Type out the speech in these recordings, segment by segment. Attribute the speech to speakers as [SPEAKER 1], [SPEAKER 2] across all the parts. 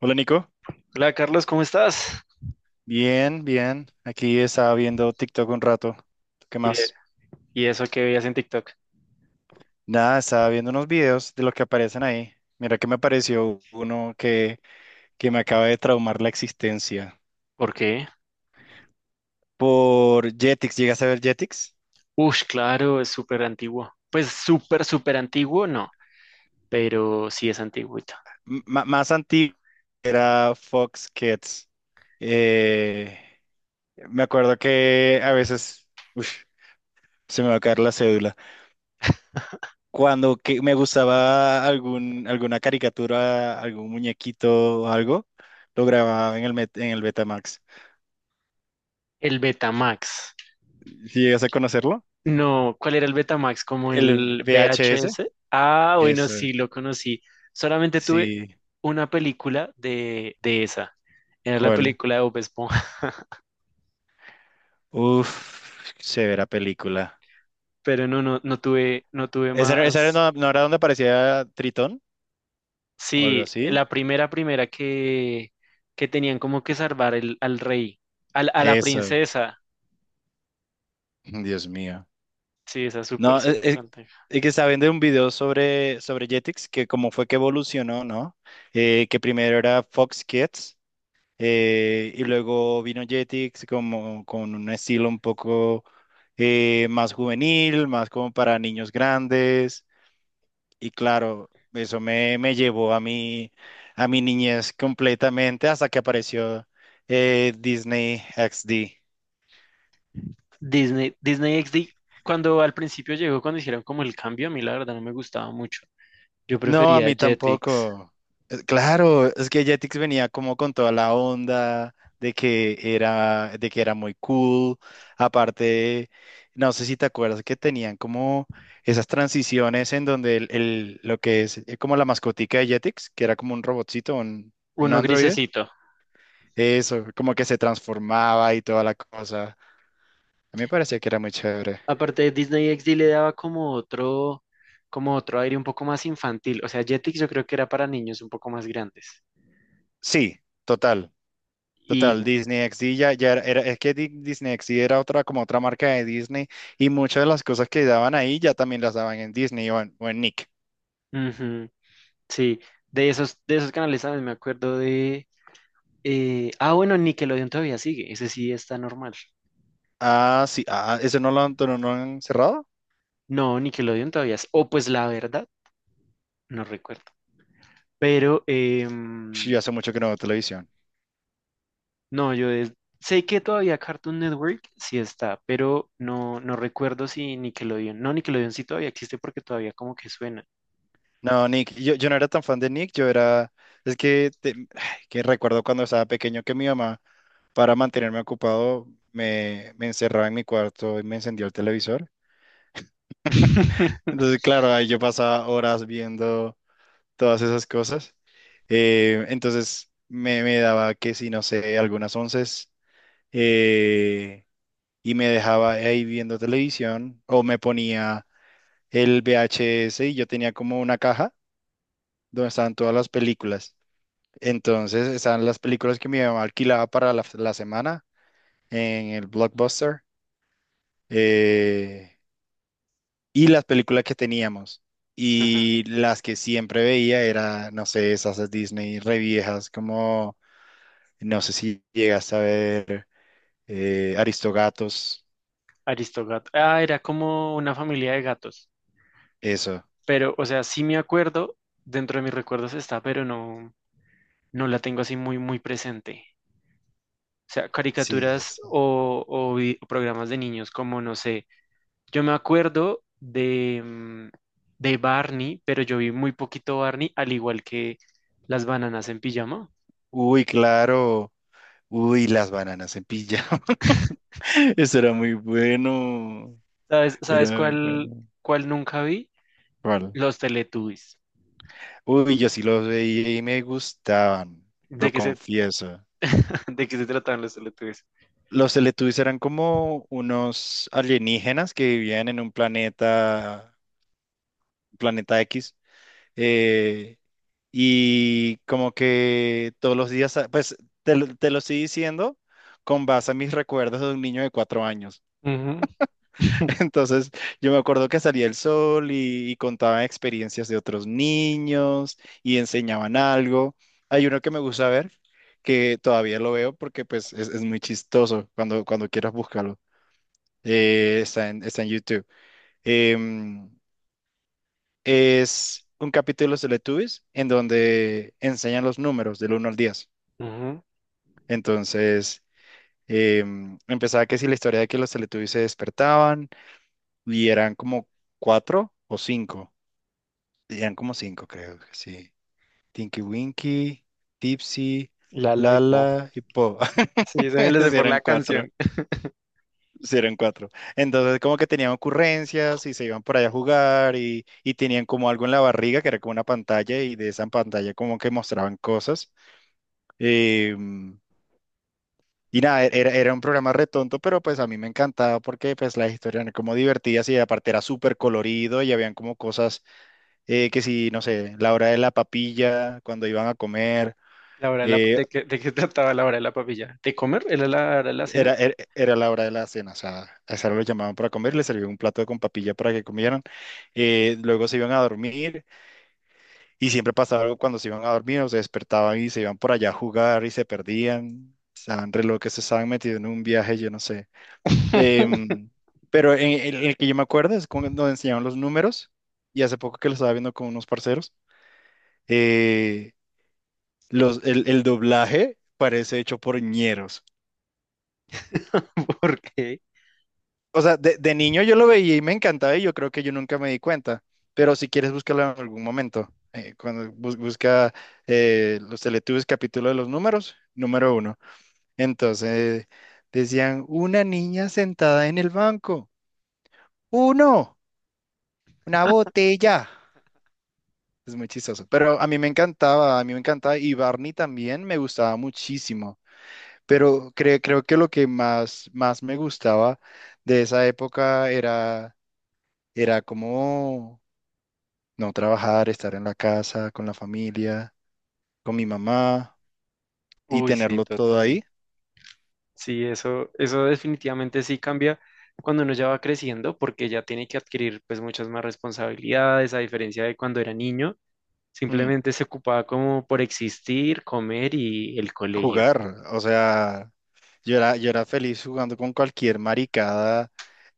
[SPEAKER 1] Hola Nico,
[SPEAKER 2] Hola Carlos, ¿cómo estás?
[SPEAKER 1] bien, bien. Aquí estaba viendo TikTok un rato. ¿Tú? ¿Qué
[SPEAKER 2] ¿Y, e-
[SPEAKER 1] más?
[SPEAKER 2] y eso que veías en TikTok?
[SPEAKER 1] Nada, estaba viendo unos videos de lo que aparecen ahí. Mira que me apareció uno que me acaba de traumar la existencia.
[SPEAKER 2] ¿Por qué?
[SPEAKER 1] Por Jetix, ¿llegas a ver Jetix?
[SPEAKER 2] Ush, claro, es súper antiguo. Pues súper, súper antiguo, no, pero sí es antiguito.
[SPEAKER 1] Más antiguo era Fox Kids. Eh, Me acuerdo que a veces, uf, se me va a caer la cédula. Cuando que me gustaba algún, alguna caricatura, algún muñequito o algo, lo grababa en el Betamax.
[SPEAKER 2] El Betamax.
[SPEAKER 1] ¿Sí? ¿Llegas a conocerlo?
[SPEAKER 2] No, ¿cuál era el Betamax? ¿Como
[SPEAKER 1] El
[SPEAKER 2] el
[SPEAKER 1] VHS.
[SPEAKER 2] VHS? Ah, bueno,
[SPEAKER 1] Eso,
[SPEAKER 2] sí, lo conocí. Solamente tuve
[SPEAKER 1] sí.
[SPEAKER 2] una película de esa. Era la
[SPEAKER 1] ¿Cuál?
[SPEAKER 2] película de Bob Esponja,
[SPEAKER 1] Uf, severa película.
[SPEAKER 2] pero no tuve
[SPEAKER 1] ¿Esa,
[SPEAKER 2] más.
[SPEAKER 1] no, no era donde aparecía Tritón o algo
[SPEAKER 2] Sí,
[SPEAKER 1] así?
[SPEAKER 2] la primera que tenían como que salvar al rey, a la
[SPEAKER 1] Eso,
[SPEAKER 2] princesa.
[SPEAKER 1] Dios mío.
[SPEAKER 2] Sí, esa es súper,
[SPEAKER 1] No, es,
[SPEAKER 2] súper
[SPEAKER 1] es-
[SPEAKER 2] antigua.
[SPEAKER 1] es que estaba viendo un video sobre Jetix, que cómo fue que evolucionó, ¿no? Que primero era Fox Kids. Y luego vino Jetix como con un estilo un poco más juvenil, más como para niños grandes. Y claro, eso me llevó a mi niñez completamente hasta que apareció, Disney XD.
[SPEAKER 2] Disney XD, cuando al principio llegó, cuando hicieron como el cambio, a mí la verdad no me gustaba mucho. Yo
[SPEAKER 1] No, a
[SPEAKER 2] prefería
[SPEAKER 1] mí
[SPEAKER 2] Jetix,
[SPEAKER 1] tampoco. Claro, es que Jetix venía como con toda la onda de que era muy cool. Aparte, no sé si te acuerdas que tenían como esas transiciones en donde lo que es, como la mascotica de Jetix, que era como un robotcito, un
[SPEAKER 2] uno
[SPEAKER 1] androide,
[SPEAKER 2] grisecito.
[SPEAKER 1] eso, como que se transformaba y toda la cosa. A mí me parecía que era muy chévere.
[SPEAKER 2] Aparte de Disney XD le daba como otro aire un poco más infantil. O sea, Jetix yo creo que era para niños un poco más grandes.
[SPEAKER 1] Sí, total.
[SPEAKER 2] Y,
[SPEAKER 1] Total, Disney XD ya es que Disney XD era otra, como otra marca de Disney y muchas de las cosas que daban ahí ya también las daban en Disney o en Nick.
[SPEAKER 2] ujú, sí, de esos canales, también me acuerdo de. Ah, bueno, Nickelodeon todavía sigue, ese sí está normal.
[SPEAKER 1] Ah, sí, ah, ¿eso no lo han cerrado?
[SPEAKER 2] No, Nickelodeon todavía es. O pues la verdad, no recuerdo. Pero
[SPEAKER 1] Sí, hace mucho que no veo televisión.
[SPEAKER 2] no, yo sé que todavía Cartoon Network sí está, pero no, no recuerdo si Nickelodeon. No, Nickelodeon sí todavía existe porque todavía como que suena.
[SPEAKER 1] No, Nick, yo no era tan fan de Nick, yo era, es que, te- ay, que recuerdo cuando estaba pequeño que mi mamá, para mantenerme ocupado, me encerraba en mi cuarto y me encendía el televisor. Entonces, claro, ahí yo pasaba horas viendo todas esas cosas. Entonces me daba que si no sé, algunas onces, eh, y me dejaba ahí viendo televisión o me ponía el VHS y yo tenía como una caja donde estaban todas las películas. Entonces estaban las películas que mi mamá alquilaba para la semana en el Blockbuster, eh, y las películas que teníamos.
[SPEAKER 2] Ajá.
[SPEAKER 1] Y las que siempre veía era, no sé, esas de Disney re viejas, como, no sé si llegas a ver, Aristogatos,
[SPEAKER 2] Aristogato. Ah, era como una familia de gatos.
[SPEAKER 1] eso.
[SPEAKER 2] Pero, o sea, sí me acuerdo, dentro de mis recuerdos está, pero no, no la tengo así muy, muy presente. O sea,
[SPEAKER 1] Sí,
[SPEAKER 2] caricaturas
[SPEAKER 1] eso.
[SPEAKER 2] o programas de niños como, no sé, yo me acuerdo de Barney, pero yo vi muy poquito Barney, al igual que las bananas en pijama.
[SPEAKER 1] Uy, claro. Uy, las bananas en pijama. Eso era muy bueno.
[SPEAKER 2] ¿Sabes
[SPEAKER 1] Era muy
[SPEAKER 2] cuál,
[SPEAKER 1] bueno.
[SPEAKER 2] cuál nunca vi?
[SPEAKER 1] ¿Cuál?
[SPEAKER 2] Los Teletubbies.
[SPEAKER 1] Uy, yo sí los veía y me gustaban, lo
[SPEAKER 2] ¿De qué se,
[SPEAKER 1] confieso.
[SPEAKER 2] ¿De qué se trataban los Teletubbies?
[SPEAKER 1] Los Teletubbies eran como unos alienígenas que vivían en un planeta X. Eh, y como que todos los días, ah, pues, te lo estoy diciendo con base a mis recuerdos de un niño de 4 años. Entonces, yo me acuerdo que salía el sol y contaban experiencias de otros niños y enseñaban algo. Hay uno que me gusta ver, que todavía lo veo porque pues es muy chistoso cuando quieras búscalo. Está en YouTube. Em, es un capítulo de los Teletubbies en donde enseñan los números del 1 al 10.
[SPEAKER 2] Ujú, ujú.
[SPEAKER 1] Entonces, empezaba que si la historia de que los Teletubbies se despertaban y eran como cuatro o cinco. Eran como cinco, creo que sí. Tinky Winky, Tipsy,
[SPEAKER 2] La Laipo.
[SPEAKER 1] Lala y Po.
[SPEAKER 2] Sí, se me lo sé por
[SPEAKER 1] Eran
[SPEAKER 2] la
[SPEAKER 1] cuatro.
[SPEAKER 2] canción.
[SPEAKER 1] Sí, eran cuatro. Entonces, como que tenían ocurrencias y se iban por allá a jugar y tenían como algo en la barriga que era como una pantalla y de esa pantalla como que mostraban cosas. Eh, y nada, era un programa re tonto, pero pues a mí me encantaba porque pues las historias eran como divertidas y aparte era súper colorido y habían como cosas, que si, no sé, la hora de la papilla, cuando iban a comer.
[SPEAKER 2] La hora de, la,
[SPEAKER 1] eh,
[SPEAKER 2] de, qué, ¿De qué trataba la hora de la papilla? ¿De comer? ¿Era la hora de la cena?
[SPEAKER 1] era la hora de la cena, o sea, a esa hora los llamaban para comer, les servían un plato con papilla para que comieran. Luego se iban a dormir y siempre pasaba algo cuando se iban a dormir, o se despertaban y se iban por allá a jugar y se perdían, estaban re locos, se estaban metidos en un viaje, yo no sé. Em, pero en el que yo me acuerdo es cuando nos enseñaban los números y hace poco que lo estaba viendo con unos parceros, eh, el doblaje parece hecho por ñeros.
[SPEAKER 2] ¿Por qué?
[SPEAKER 1] O sea, de niño yo lo veía y me encantaba y yo creo que yo nunca me di cuenta, pero si quieres búscalo en algún momento, cuando busca, los Teletubbies capítulo de los números, número uno. Entonces decían, una niña sentada en el banco, uno, una botella. Es muy chistoso, pero a mí me encantaba, a mí me encantaba, y Barney también me gustaba muchísimo, pero creo que lo que más, más me gustaba de esa época era como... No trabajar, estar en la casa, con la familia, con mi mamá y
[SPEAKER 2] Uy, sí,
[SPEAKER 1] tenerlo todo
[SPEAKER 2] total.
[SPEAKER 1] ahí.
[SPEAKER 2] Sí, eso definitivamente sí cambia cuando uno ya va creciendo, porque ya tiene que adquirir pues muchas más responsabilidades, a diferencia de cuando era niño,
[SPEAKER 1] Mm,
[SPEAKER 2] simplemente se ocupaba como por existir, comer y el colegio.
[SPEAKER 1] Jugar, o sea, yo era feliz jugando con cualquier maricada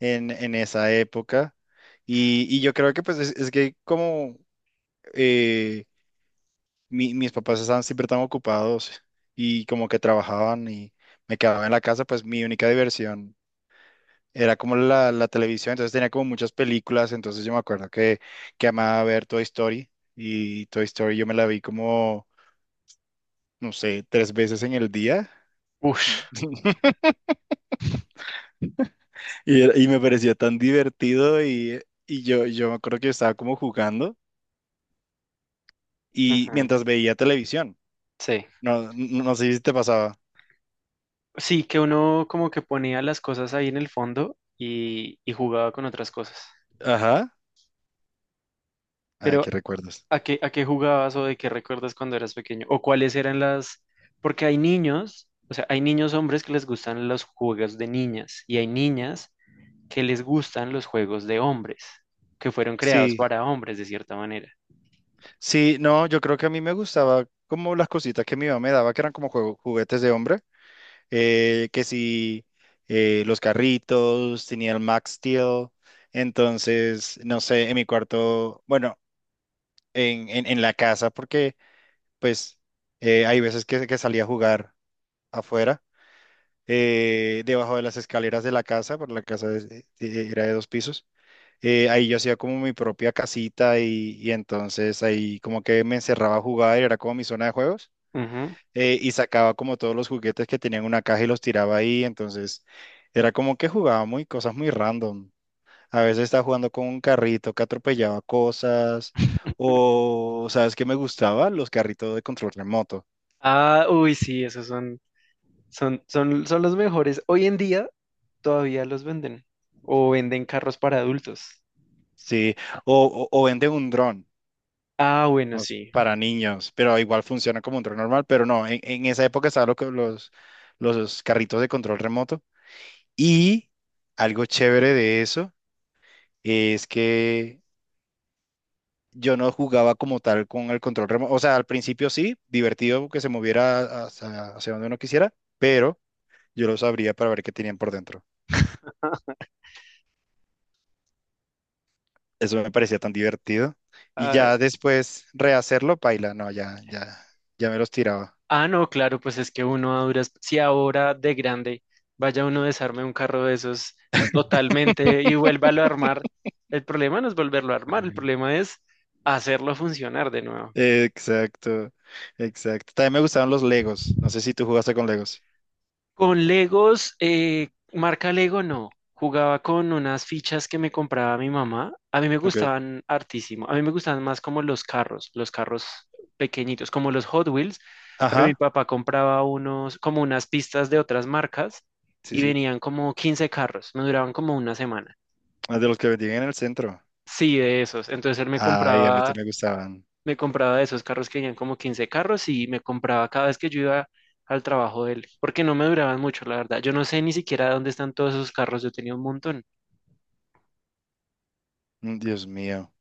[SPEAKER 1] en esa época y yo creo que pues es que como, eh, mis papás estaban siempre tan ocupados y como que trabajaban y me quedaba en la casa, pues mi única diversión era como la televisión, entonces tenía como muchas películas, entonces yo me acuerdo que amaba ver Toy Story y Toy Story yo me la vi como, no sé, 3 veces en el día.
[SPEAKER 2] Ush,
[SPEAKER 1] Y me parecía tan divertido y yo me acuerdo que yo estaba como jugando y
[SPEAKER 2] ujú,
[SPEAKER 1] mientras veía televisión,
[SPEAKER 2] sí.
[SPEAKER 1] no, no, no sé si te pasaba.
[SPEAKER 2] Sí, que uno como que ponía las cosas ahí en el fondo y jugaba con otras cosas.
[SPEAKER 1] Ajá, ay,
[SPEAKER 2] Pero
[SPEAKER 1] qué recuerdos.
[SPEAKER 2] a qué jugabas o de qué recuerdas cuando eras pequeño? ¿O cuáles eran las? Porque hay niños, o sea, hay niños hombres que les gustan los juegos de niñas y hay niñas que les gustan los juegos de hombres, que fueron creados
[SPEAKER 1] Sí,
[SPEAKER 2] para hombres de cierta manera.
[SPEAKER 1] sí, no, yo creo que a mí me gustaba como las cositas que mi mamá me daba, que eran como juguetes de hombre. Que si, los carritos, tenía el Max Steel. Entonces, no sé, en mi cuarto, bueno, en la casa, porque pues, hay veces que salía a jugar afuera, debajo de las escaleras de la casa, porque la casa era de 2 pisos. Ahí yo hacía como mi propia casita y entonces ahí como que me encerraba a jugar, era como mi zona de juegos.
[SPEAKER 2] Ujú.
[SPEAKER 1] Y sacaba como todos los juguetes que tenían una caja y los tiraba ahí, entonces era como que jugaba muy cosas muy random. A veces estaba jugando con un carrito que atropellaba cosas, o, ¿sabes qué me gustaba? Los carritos de control remoto,
[SPEAKER 2] Ah, uy, sí, esos son los mejores. Hoy en día todavía los venden o venden carros para adultos.
[SPEAKER 1] sí, o, venden un dron.
[SPEAKER 2] Ah, bueno, sí.
[SPEAKER 1] Para niños, pero igual funciona como un dron normal, pero no, en esa época estaban los carritos de control remoto y algo chévere de eso es que yo no jugaba como tal con el control remoto. O sea, al principio sí, divertido que se moviera hacia donde uno quisiera, pero yo los abría para ver qué tenían por dentro. Eso me parecía tan divertido. Y
[SPEAKER 2] Ah,
[SPEAKER 1] ya después rehacerlo, paila, no, ya, ya, ya me los tiraba.
[SPEAKER 2] Ah, no, claro, pues es que uno a duras, si ahora de grande vaya uno a desarme un carro de esos totalmente y vuélvalo a armar, el problema no es volverlo a armar, el problema es hacerlo funcionar de nuevo.
[SPEAKER 1] Exacto, exacto. También me gustaban los Legos. No sé si tú jugaste con Legos.
[SPEAKER 2] Con Legos, marca Lego no. Jugaba con unas fichas que me compraba mi mamá. A mí me
[SPEAKER 1] Ok.
[SPEAKER 2] gustaban hartísimo. A mí me gustaban más como los carros pequeñitos, como los Hot Wheels. Pero mi
[SPEAKER 1] Ajá,
[SPEAKER 2] papá compraba unos, como unas pistas de otras marcas
[SPEAKER 1] sí,
[SPEAKER 2] y
[SPEAKER 1] sí.
[SPEAKER 2] venían como 15 carros. Me duraban como una semana.
[SPEAKER 1] Ah, de los que vendían en el centro.
[SPEAKER 2] Sí, de esos. Entonces él me
[SPEAKER 1] Ay, a mí
[SPEAKER 2] compraba
[SPEAKER 1] también me gustaban.
[SPEAKER 2] me compraba de esos carros que tenían como 15 carros y me compraba cada vez que yo iba al trabajo de él, porque no me duraban mucho, la verdad. Yo no sé ni siquiera dónde están todos esos carros, yo tenía un montón.
[SPEAKER 1] Mm, Dios mío.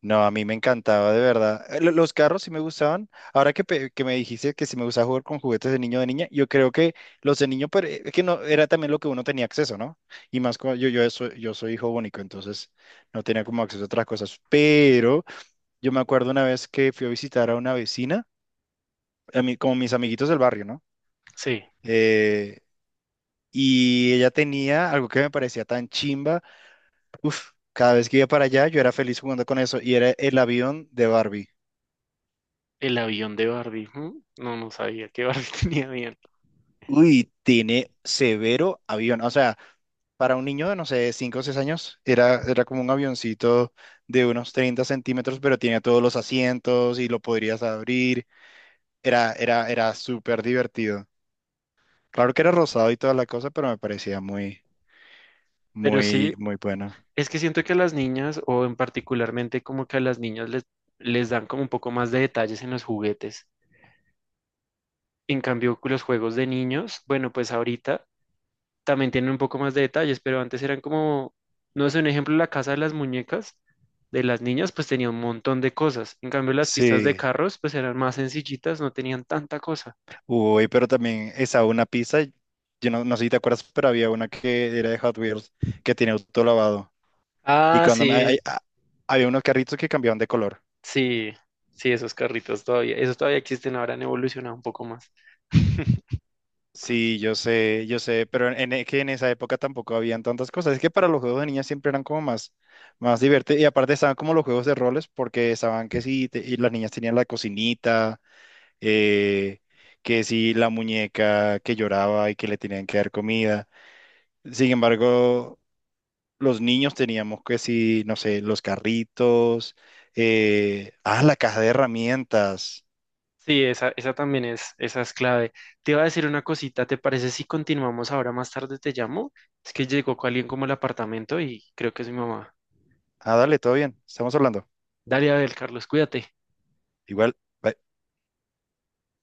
[SPEAKER 1] No, a mí me encantaba, de verdad. Los carros sí me gustaban. Ahora que me dijiste que si me gustaba jugar con juguetes de niño o de niña, yo creo que los de niño, pero es que no, era también lo que uno tenía acceso, ¿no? Y más como yo, yo soy hijo único, entonces no tenía como acceso a otras cosas. Pero yo me acuerdo una vez que fui a visitar a una vecina, a mí, como mis amiguitos del barrio, ¿no?
[SPEAKER 2] Sí,
[SPEAKER 1] Eh, y ella tenía algo que me parecía tan chimba. Uf, cada vez que iba para allá, yo era feliz jugando con eso y era el avión de Barbie.
[SPEAKER 2] el avión de Barbie. ¿Hmm? No, no sabía que Barbie tenía avión.
[SPEAKER 1] Uy, tiene severo avión. O sea, para un niño de, no sé, 5 o 6 años, era como un avioncito de unos 30 centímetros, pero tenía todos los asientos y lo podrías abrir. Era súper divertido. Claro que era rosado y toda la cosa, pero me parecía muy,
[SPEAKER 2] Pero
[SPEAKER 1] muy,
[SPEAKER 2] sí,
[SPEAKER 1] muy bueno.
[SPEAKER 2] es que siento que a las niñas, o en particularmente como que a las niñas les dan como un poco más de detalles en los juguetes. En cambio, con los juegos de niños, bueno, pues ahorita también tienen un poco más de detalles, pero antes eran como, no sé, un ejemplo, la casa de las muñecas de las niñas, pues tenía un montón de cosas. En cambio, las pistas de
[SPEAKER 1] Sí.
[SPEAKER 2] carros, pues eran más sencillitas, no tenían tanta cosa.
[SPEAKER 1] Uy, pero también esa una pizza, yo no, no sé si te acuerdas, pero había una que era de Hot Wheels, que tenía auto lavado. Y
[SPEAKER 2] Ah,
[SPEAKER 1] cuando
[SPEAKER 2] sí,
[SPEAKER 1] había unos carritos que cambiaban de color.
[SPEAKER 2] sí, sí, esos carritos todavía, esos todavía existen, ahora han evolucionado un poco más.
[SPEAKER 1] Sí, yo sé, pero que en esa época tampoco habían tantas cosas. Es que para los juegos de niñas siempre eran como más, más divertidos. Y aparte estaban como los juegos de roles, porque estaban que sí, y las niñas tenían la cocinita, eh, que sí, la muñeca que lloraba y que le tenían que dar comida. Sin embargo, los niños teníamos que sí, no sé, los carritos, ah, la caja de herramientas.
[SPEAKER 2] Sí, esa también esa es clave. Te iba a decir una cosita, ¿te parece si continuamos ahora más tarde? Te llamo. Es que llegó alguien como al apartamento y creo que es mi mamá.
[SPEAKER 1] Ah, dale, todo bien, estamos hablando.
[SPEAKER 2] Dale, a ver, Carlos, cuídate.
[SPEAKER 1] Igual. Bye.